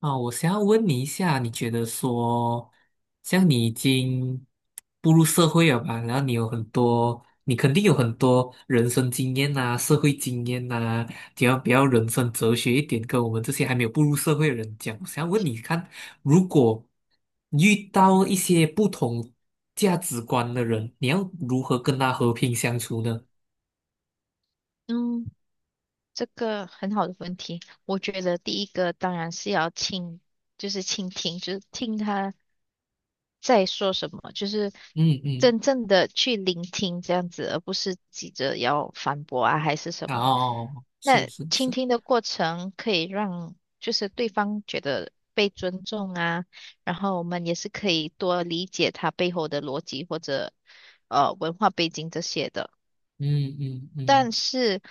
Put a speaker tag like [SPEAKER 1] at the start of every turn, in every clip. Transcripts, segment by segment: [SPEAKER 1] 啊，我想要问你一下，你觉得说，像你已经步入社会了吧，然后你有很多，你肯定有很多人生经验呐、社会经验呐、比较人生哲学一点，跟我们这些还没有步入社会的人讲。我想要问你看，如果遇到一些不同价值观的人，你要如何跟他和平相处呢？
[SPEAKER 2] 嗯，这个很好的问题。我觉得第一个当然是就是倾听，就是听他在说什么，就是
[SPEAKER 1] 嗯嗯，
[SPEAKER 2] 真正的去聆听这样子，而不是急着要反驳啊，还是什么。
[SPEAKER 1] 哦，是
[SPEAKER 2] 那
[SPEAKER 1] 是
[SPEAKER 2] 倾
[SPEAKER 1] 是，
[SPEAKER 2] 听的过程可以让就是对方觉得被尊重啊，然后我们也是可以多理解他背后的逻辑或者文化背景这些的。
[SPEAKER 1] 嗯嗯嗯，
[SPEAKER 2] 但是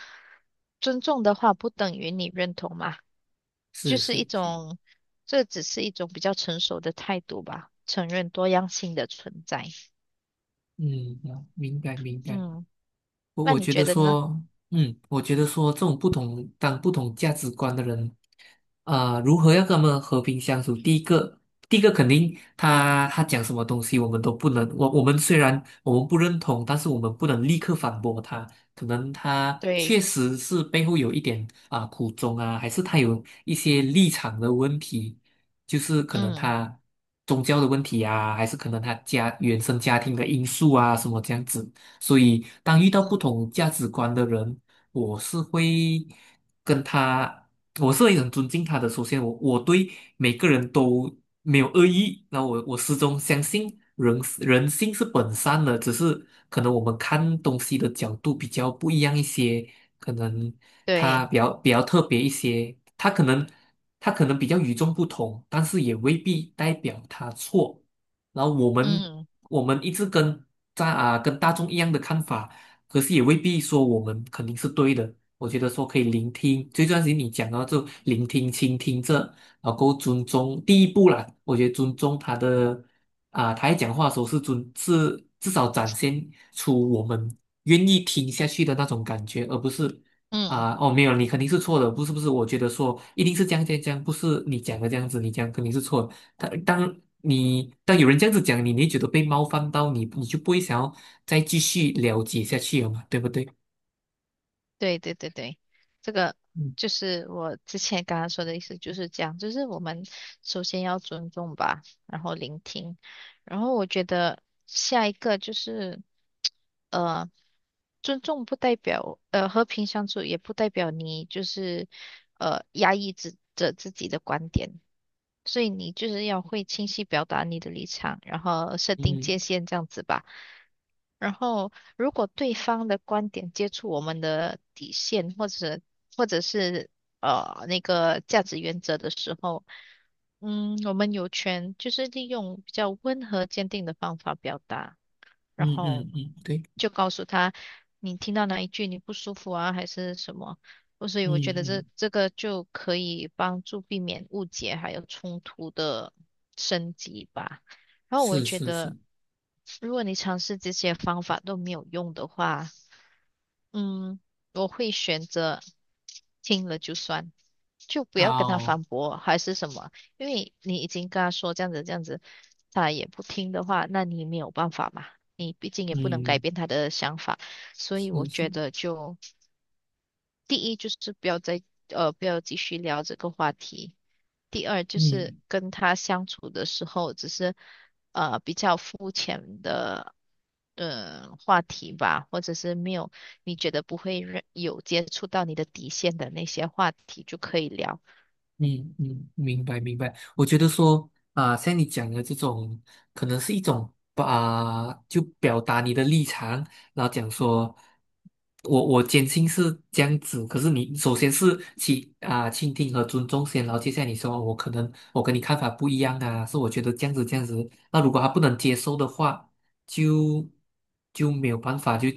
[SPEAKER 2] 尊重的话，不等于你认同嘛，就
[SPEAKER 1] 是
[SPEAKER 2] 是一
[SPEAKER 1] 是是。
[SPEAKER 2] 种，这只是一种比较成熟的态度吧，承认多样性的存在。
[SPEAKER 1] 嗯，啊，明白明白。
[SPEAKER 2] 嗯，
[SPEAKER 1] 我
[SPEAKER 2] 那
[SPEAKER 1] 我
[SPEAKER 2] 你
[SPEAKER 1] 觉
[SPEAKER 2] 觉
[SPEAKER 1] 得
[SPEAKER 2] 得呢？
[SPEAKER 1] 说，嗯，我觉得说这种不同价值观的人，啊，如何要跟他们和平相处？第一个肯定他讲什么东西，我们都不能，我们虽然我们不认同，但是我们不能立刻反驳他。可能他
[SPEAKER 2] 对，
[SPEAKER 1] 确实是背后有一点啊、苦衷啊，还是他有一些立场的问题，就是可能
[SPEAKER 2] 嗯
[SPEAKER 1] 他宗教的问题啊，还是可能他家原生家庭的因素啊，什么这样子。所以当遇到不
[SPEAKER 2] 嗯，
[SPEAKER 1] 同价值观的人，我是会跟他，我是会很尊敬他的。首先我对每个人都没有恶意，那我始终相信人性是本善的，只是可能我们看东西的角度比较不一样一些，可能他
[SPEAKER 2] 对，
[SPEAKER 1] 比较特别一些，他可能比较与众不同，但是也未必代表他错。然后我们
[SPEAKER 2] 嗯
[SPEAKER 1] 我们一直跟在啊跟大众一样的看法，可是也未必说我们肯定是对的。我觉得说可以聆听，最重要是你讲到就聆听、倾听这，然后够尊重第一步啦。我觉得尊重他的啊，他在讲话的时候是至少展现出我们愿意听下去的那种感觉，而不是
[SPEAKER 2] 嗯。
[SPEAKER 1] 啊哦没有你肯定是错的，不是不是，我觉得说一定是这样这样这样，不是你讲的这样子，你讲肯定是错的。当有人这样子讲你，你会觉得被冒犯到你，你就不会想要再继续了解下去了嘛，对不对？
[SPEAKER 2] 对对对对，这个就
[SPEAKER 1] 嗯
[SPEAKER 2] 是我之前刚刚说的意思，就是这样，就是我们首先要尊重吧，然后聆听，然后我觉得下一个就是，呃，尊重不代表，和平相处也不代表你就是，压抑自己的观点，所以你就是要会清晰表达你的立场，然后设定界
[SPEAKER 1] 嗯
[SPEAKER 2] 限这样子吧。然后，如果对方的观点接触我们的底线，或者是那个价值原则的时候，我们有权就是利用比较温和坚定的方法表达。然
[SPEAKER 1] 嗯
[SPEAKER 2] 后
[SPEAKER 1] 嗯嗯，对，
[SPEAKER 2] 就告诉他你听到哪一句你不舒服啊，还是什么。哦，所以
[SPEAKER 1] 嗯
[SPEAKER 2] 我觉得这
[SPEAKER 1] 嗯，
[SPEAKER 2] 这个就可以帮助避免误解还有冲突的升级吧。然后我
[SPEAKER 1] 是
[SPEAKER 2] 觉
[SPEAKER 1] 是是，
[SPEAKER 2] 得，如果你尝试这些方法都没有用的话，嗯，我会选择听了就算，就不要跟他
[SPEAKER 1] 哦，
[SPEAKER 2] 反驳，还是什么？因为你已经跟他说这样子这样子，他也不听的话，那你没有办法嘛，你毕竟也不能改
[SPEAKER 1] 嗯
[SPEAKER 2] 变他的想法，所以我
[SPEAKER 1] 是
[SPEAKER 2] 觉
[SPEAKER 1] 是，
[SPEAKER 2] 得就。第一就是不要继续聊这个话题。第二就是
[SPEAKER 1] 嗯
[SPEAKER 2] 跟他相处的时候，只是比较肤浅的话题吧，或者是没有你觉得不会让有接触到你的底线的那些话题就可以聊。
[SPEAKER 1] 嗯嗯，明白明白。我觉得说啊、像你讲的这种，可能是一种啊、就表达你的立场，然后讲说，我坚信是这样子。可是你首先是倾听和尊重先，然后接下来你说哦我可能我跟你看法不一样啊，是我觉得这样子这样子。那如果他不能接受的话，就就没有办法，就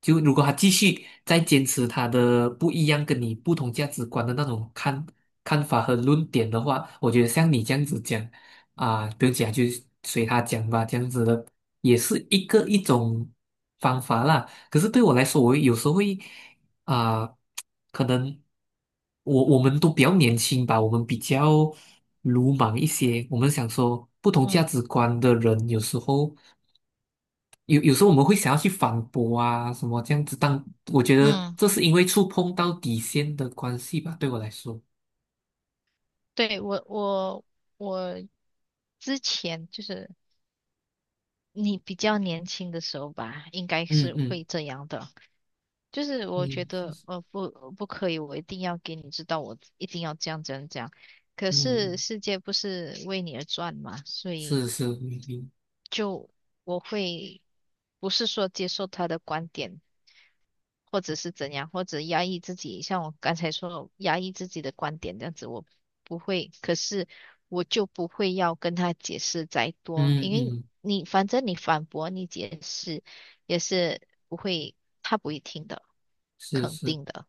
[SPEAKER 1] 就如果他继续再坚持他的不一样跟你不同价值观的那种看法和论点的话，我觉得像你这样子讲啊，不用讲，就随他讲吧，这样子的也是一种方法啦。可是对我来说，我有时候会啊、可能我们都比较年轻吧，我们比较鲁莽一些，我们想说不同价
[SPEAKER 2] 嗯
[SPEAKER 1] 值观的人有时候。有时候我们会想要去反驳啊，什么这样子但我觉得
[SPEAKER 2] 嗯，
[SPEAKER 1] 这是因为触碰到底线的关系吧，对我来说，
[SPEAKER 2] 对，我之前就是你比较年轻的时候吧，应该
[SPEAKER 1] 嗯
[SPEAKER 2] 是会
[SPEAKER 1] 嗯
[SPEAKER 2] 这样的。就是我觉
[SPEAKER 1] 嗯
[SPEAKER 2] 得不可以，我一定要给你知道，我一定要这样这样这样。可是
[SPEAKER 1] 嗯，
[SPEAKER 2] 世界不是为你而转嘛，所以
[SPEAKER 1] 是是，
[SPEAKER 2] 就我会不是说接受他的观点，或者是怎样，或者压抑自己，像我刚才说压抑自己的观点这样子，我不会。可是我就不会要跟他解释再多，
[SPEAKER 1] 嗯
[SPEAKER 2] 因
[SPEAKER 1] 嗯，
[SPEAKER 2] 为
[SPEAKER 1] 嗯
[SPEAKER 2] 反正你反驳你解释也是不会，他不会听的。
[SPEAKER 1] 是
[SPEAKER 2] 肯
[SPEAKER 1] 是
[SPEAKER 2] 定的，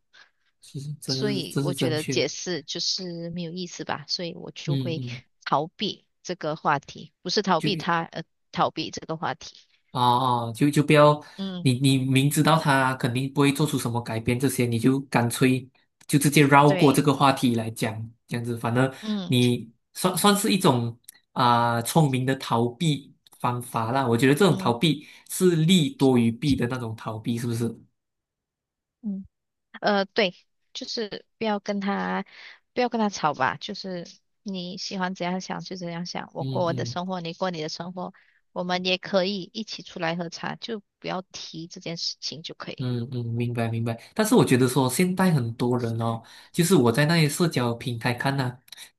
[SPEAKER 1] 是，这
[SPEAKER 2] 所
[SPEAKER 1] 是
[SPEAKER 2] 以
[SPEAKER 1] 这
[SPEAKER 2] 我
[SPEAKER 1] 是
[SPEAKER 2] 觉
[SPEAKER 1] 正
[SPEAKER 2] 得
[SPEAKER 1] 确
[SPEAKER 2] 解
[SPEAKER 1] 的，
[SPEAKER 2] 释就是没有意思吧，所以我就
[SPEAKER 1] 嗯
[SPEAKER 2] 会
[SPEAKER 1] 嗯，
[SPEAKER 2] 逃避这个话题，不是逃避
[SPEAKER 1] 就
[SPEAKER 2] 他，逃避这个话题。
[SPEAKER 1] 哦哦，就不要
[SPEAKER 2] 嗯，
[SPEAKER 1] 你明知道他肯定不会做出什么改变，这些你就干脆就直接绕过这
[SPEAKER 2] 对，
[SPEAKER 1] 个话题来讲，这样子，反正
[SPEAKER 2] 嗯
[SPEAKER 1] 你算算是一种啊、聪明的逃避方法啦。我觉得这种逃
[SPEAKER 2] 嗯
[SPEAKER 1] 避是利多于弊的那种逃避，是不是？
[SPEAKER 2] 嗯，对，就是不要跟他吵吧，就是你喜欢怎样想就怎样想，我
[SPEAKER 1] 嗯
[SPEAKER 2] 过我的
[SPEAKER 1] 嗯。
[SPEAKER 2] 生活，你过你的生活，我们也可以一起出来喝茶，就不要提这件事情就可以。
[SPEAKER 1] 嗯嗯，明白明白。但是我觉得说，现在很多人哦，就是我在那些社交平台看呐、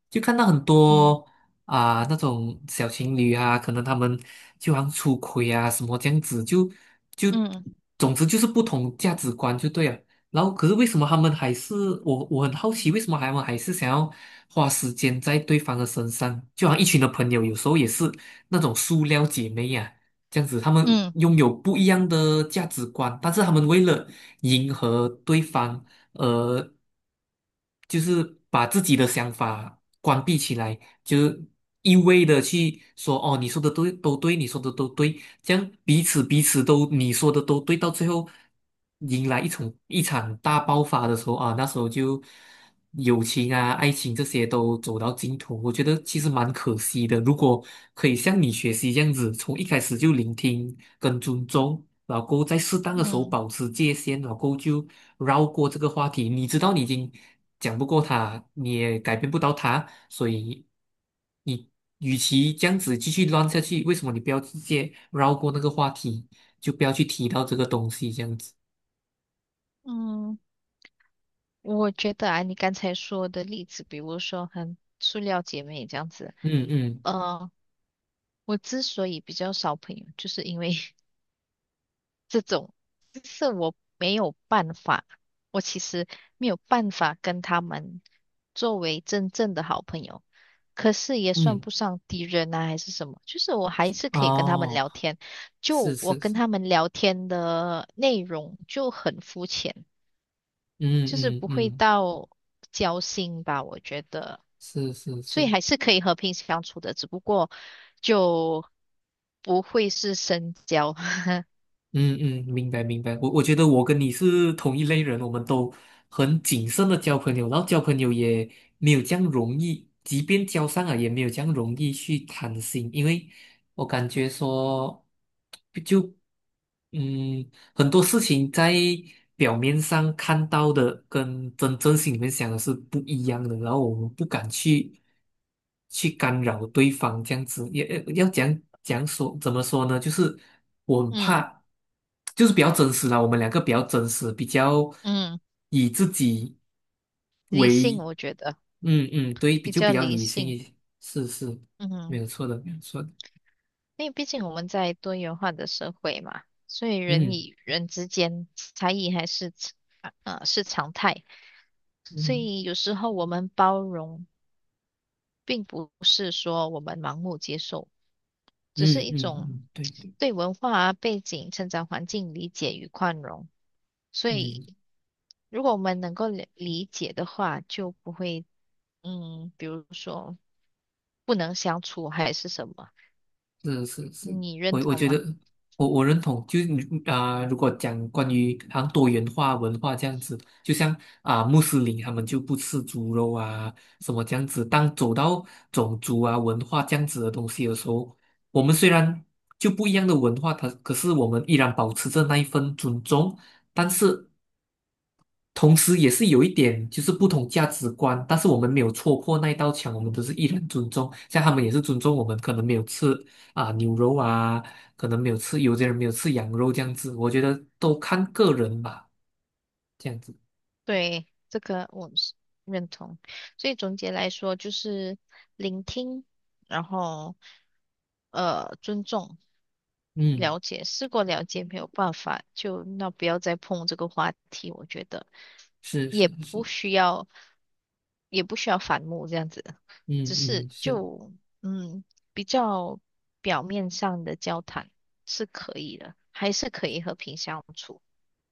[SPEAKER 1] 就看到很
[SPEAKER 2] 嗯
[SPEAKER 1] 多啊、那种小情侣啊，可能他们就好像出轨啊什么这样子，就
[SPEAKER 2] 嗯
[SPEAKER 1] 总之就是不同价值观就对了。然后可是为什么他们还是我很好奇，为什么他们还是想要花时间在对方的身上？就好像一群的朋友，有时候也是那种塑料姐妹呀。这样子，他们
[SPEAKER 2] 嗯
[SPEAKER 1] 拥有不一样的价值观，但是他们为了迎合对方，呃，就是把自己的想法关闭起来，就是一味的去说哦，你说的都对，你说的都对，这样彼此彼此都你说的都对，到最后迎来一场一场大爆发的时候啊，那时候就。友情啊、爱情这些都走到尽头，我觉得其实蛮可惜的。如果可以像你学习这样子，从一开始就聆听跟尊重，老公，在适当的时候
[SPEAKER 2] 嗯
[SPEAKER 1] 保持界限，老公就绕过这个话题。你知道你已经讲不过他，你也改变不到他，所以你与其这样子继续乱下去，为什么你不要直接绕过那个话题，就不要去提到这个东西这样子？
[SPEAKER 2] 嗯。我觉得啊，你刚才说的例子，比如说很塑料姐妹这样子，
[SPEAKER 1] 嗯嗯
[SPEAKER 2] 呃，我之所以比较少朋友，就是因为 这种，就是我没有办法，我其实没有办法跟他们作为真正的好朋友，可是也算
[SPEAKER 1] 嗯，
[SPEAKER 2] 不上敌人啊，还是什么，就是我还是可以跟他们
[SPEAKER 1] 哦，
[SPEAKER 2] 聊天，
[SPEAKER 1] 是
[SPEAKER 2] 就我
[SPEAKER 1] 是
[SPEAKER 2] 跟
[SPEAKER 1] 是。
[SPEAKER 2] 他们聊天的内容就很肤浅，
[SPEAKER 1] 嗯
[SPEAKER 2] 就是
[SPEAKER 1] 嗯
[SPEAKER 2] 不会
[SPEAKER 1] 嗯，
[SPEAKER 2] 到交心吧，我觉得。
[SPEAKER 1] 是是
[SPEAKER 2] 所以
[SPEAKER 1] 是，
[SPEAKER 2] 还是可以和平相处的，只不过就不会是深交。
[SPEAKER 1] 嗯嗯，明白明白。我觉得我跟你是同一类人，我们都很谨慎的交朋友，然后交朋友也没有这样容易，即便交上了也没有这样容易去谈心，因为我感觉说就。嗯，很多事情在表面上看到的，跟真正心里面想的是不一样的，然后我们不敢去干扰对方，这样子也要讲讲说怎么说呢？就是我很
[SPEAKER 2] 嗯
[SPEAKER 1] 怕，就是比较真实啦，我们两个比较真实，比较
[SPEAKER 2] 嗯，
[SPEAKER 1] 以自己
[SPEAKER 2] 理性
[SPEAKER 1] 为，
[SPEAKER 2] 我觉得
[SPEAKER 1] 嗯嗯，对，比
[SPEAKER 2] 比
[SPEAKER 1] 就比
[SPEAKER 2] 较
[SPEAKER 1] 较
[SPEAKER 2] 理
[SPEAKER 1] 理性
[SPEAKER 2] 性。
[SPEAKER 1] 一些，是是，没
[SPEAKER 2] 嗯，
[SPEAKER 1] 有错的，没有错的，
[SPEAKER 2] 因为毕竟我们在多元化的社会嘛，所以人
[SPEAKER 1] 嗯
[SPEAKER 2] 与人之间差异还是是常态，所
[SPEAKER 1] 嗯
[SPEAKER 2] 以有时候我们包容，并不是说我们盲目接受，只是
[SPEAKER 1] 嗯
[SPEAKER 2] 一
[SPEAKER 1] 嗯
[SPEAKER 2] 种
[SPEAKER 1] 嗯，对对，
[SPEAKER 2] 对文化啊背景、成长环境理解与宽容。所以。
[SPEAKER 1] 嗯。
[SPEAKER 2] 如果我们能够理解的话，就不会，比如说不能相处还是什么，
[SPEAKER 1] 是是是，
[SPEAKER 2] 你认
[SPEAKER 1] 我
[SPEAKER 2] 同
[SPEAKER 1] 觉
[SPEAKER 2] 吗？
[SPEAKER 1] 得我认同，就是你啊、如果讲关于好像多元化文化这样子，就像啊、穆斯林他们就不吃猪肉啊，什么这样子。当走到种族啊文化这样子的东西的时候，我们虽然就不一样的文化，它可是我们依然保持着那一份尊重，但是同时也是有一点就是不同价值观，但是我们没有戳破那一道墙，我们都是依然尊重，像他们也是尊重我们，可能没有吃啊、牛肉啊，可能没有吃，有些人没有吃羊肉这样子，我觉得都看个人吧，这样子，
[SPEAKER 2] 对，这个我是认同。所以总结来说，就是聆听，然后尊重。
[SPEAKER 1] 嗯，
[SPEAKER 2] 了解，试过了解，没有办法，就那不要再碰这个话题，我觉得
[SPEAKER 1] 是是
[SPEAKER 2] 也不
[SPEAKER 1] 是，
[SPEAKER 2] 需要，也不需要反目这样子，只
[SPEAKER 1] 嗯
[SPEAKER 2] 是
[SPEAKER 1] 嗯是。
[SPEAKER 2] 就嗯比较表面上的交谈是可以的，还是可以和平相处。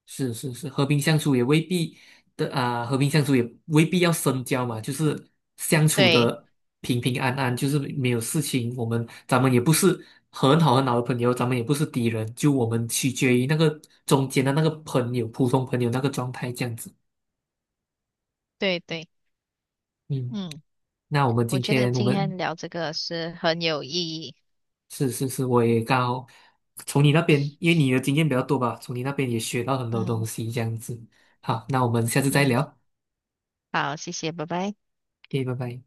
[SPEAKER 1] 是是是，和平相处也未必要深交嘛，就是相处
[SPEAKER 2] 对
[SPEAKER 1] 的平平安安，就是没有事情。咱们也不是很好很好的朋友，咱们也不是敌人，就我们取决于那个中间的那个朋友，普通朋友那个状态这样子。
[SPEAKER 2] 对对，
[SPEAKER 1] 嗯，
[SPEAKER 2] 嗯，
[SPEAKER 1] 那我们
[SPEAKER 2] 我
[SPEAKER 1] 今
[SPEAKER 2] 觉得
[SPEAKER 1] 天我
[SPEAKER 2] 今
[SPEAKER 1] 们
[SPEAKER 2] 天聊这个是很有意义。
[SPEAKER 1] 是是是，我也刚好从你那边，因为你的经验比较多吧，从你那边也学到很多东
[SPEAKER 2] 嗯
[SPEAKER 1] 西这样子。好，那我们下次再
[SPEAKER 2] 嗯，
[SPEAKER 1] 聊
[SPEAKER 2] 好，谢谢，拜拜。
[SPEAKER 1] ，OK，拜拜。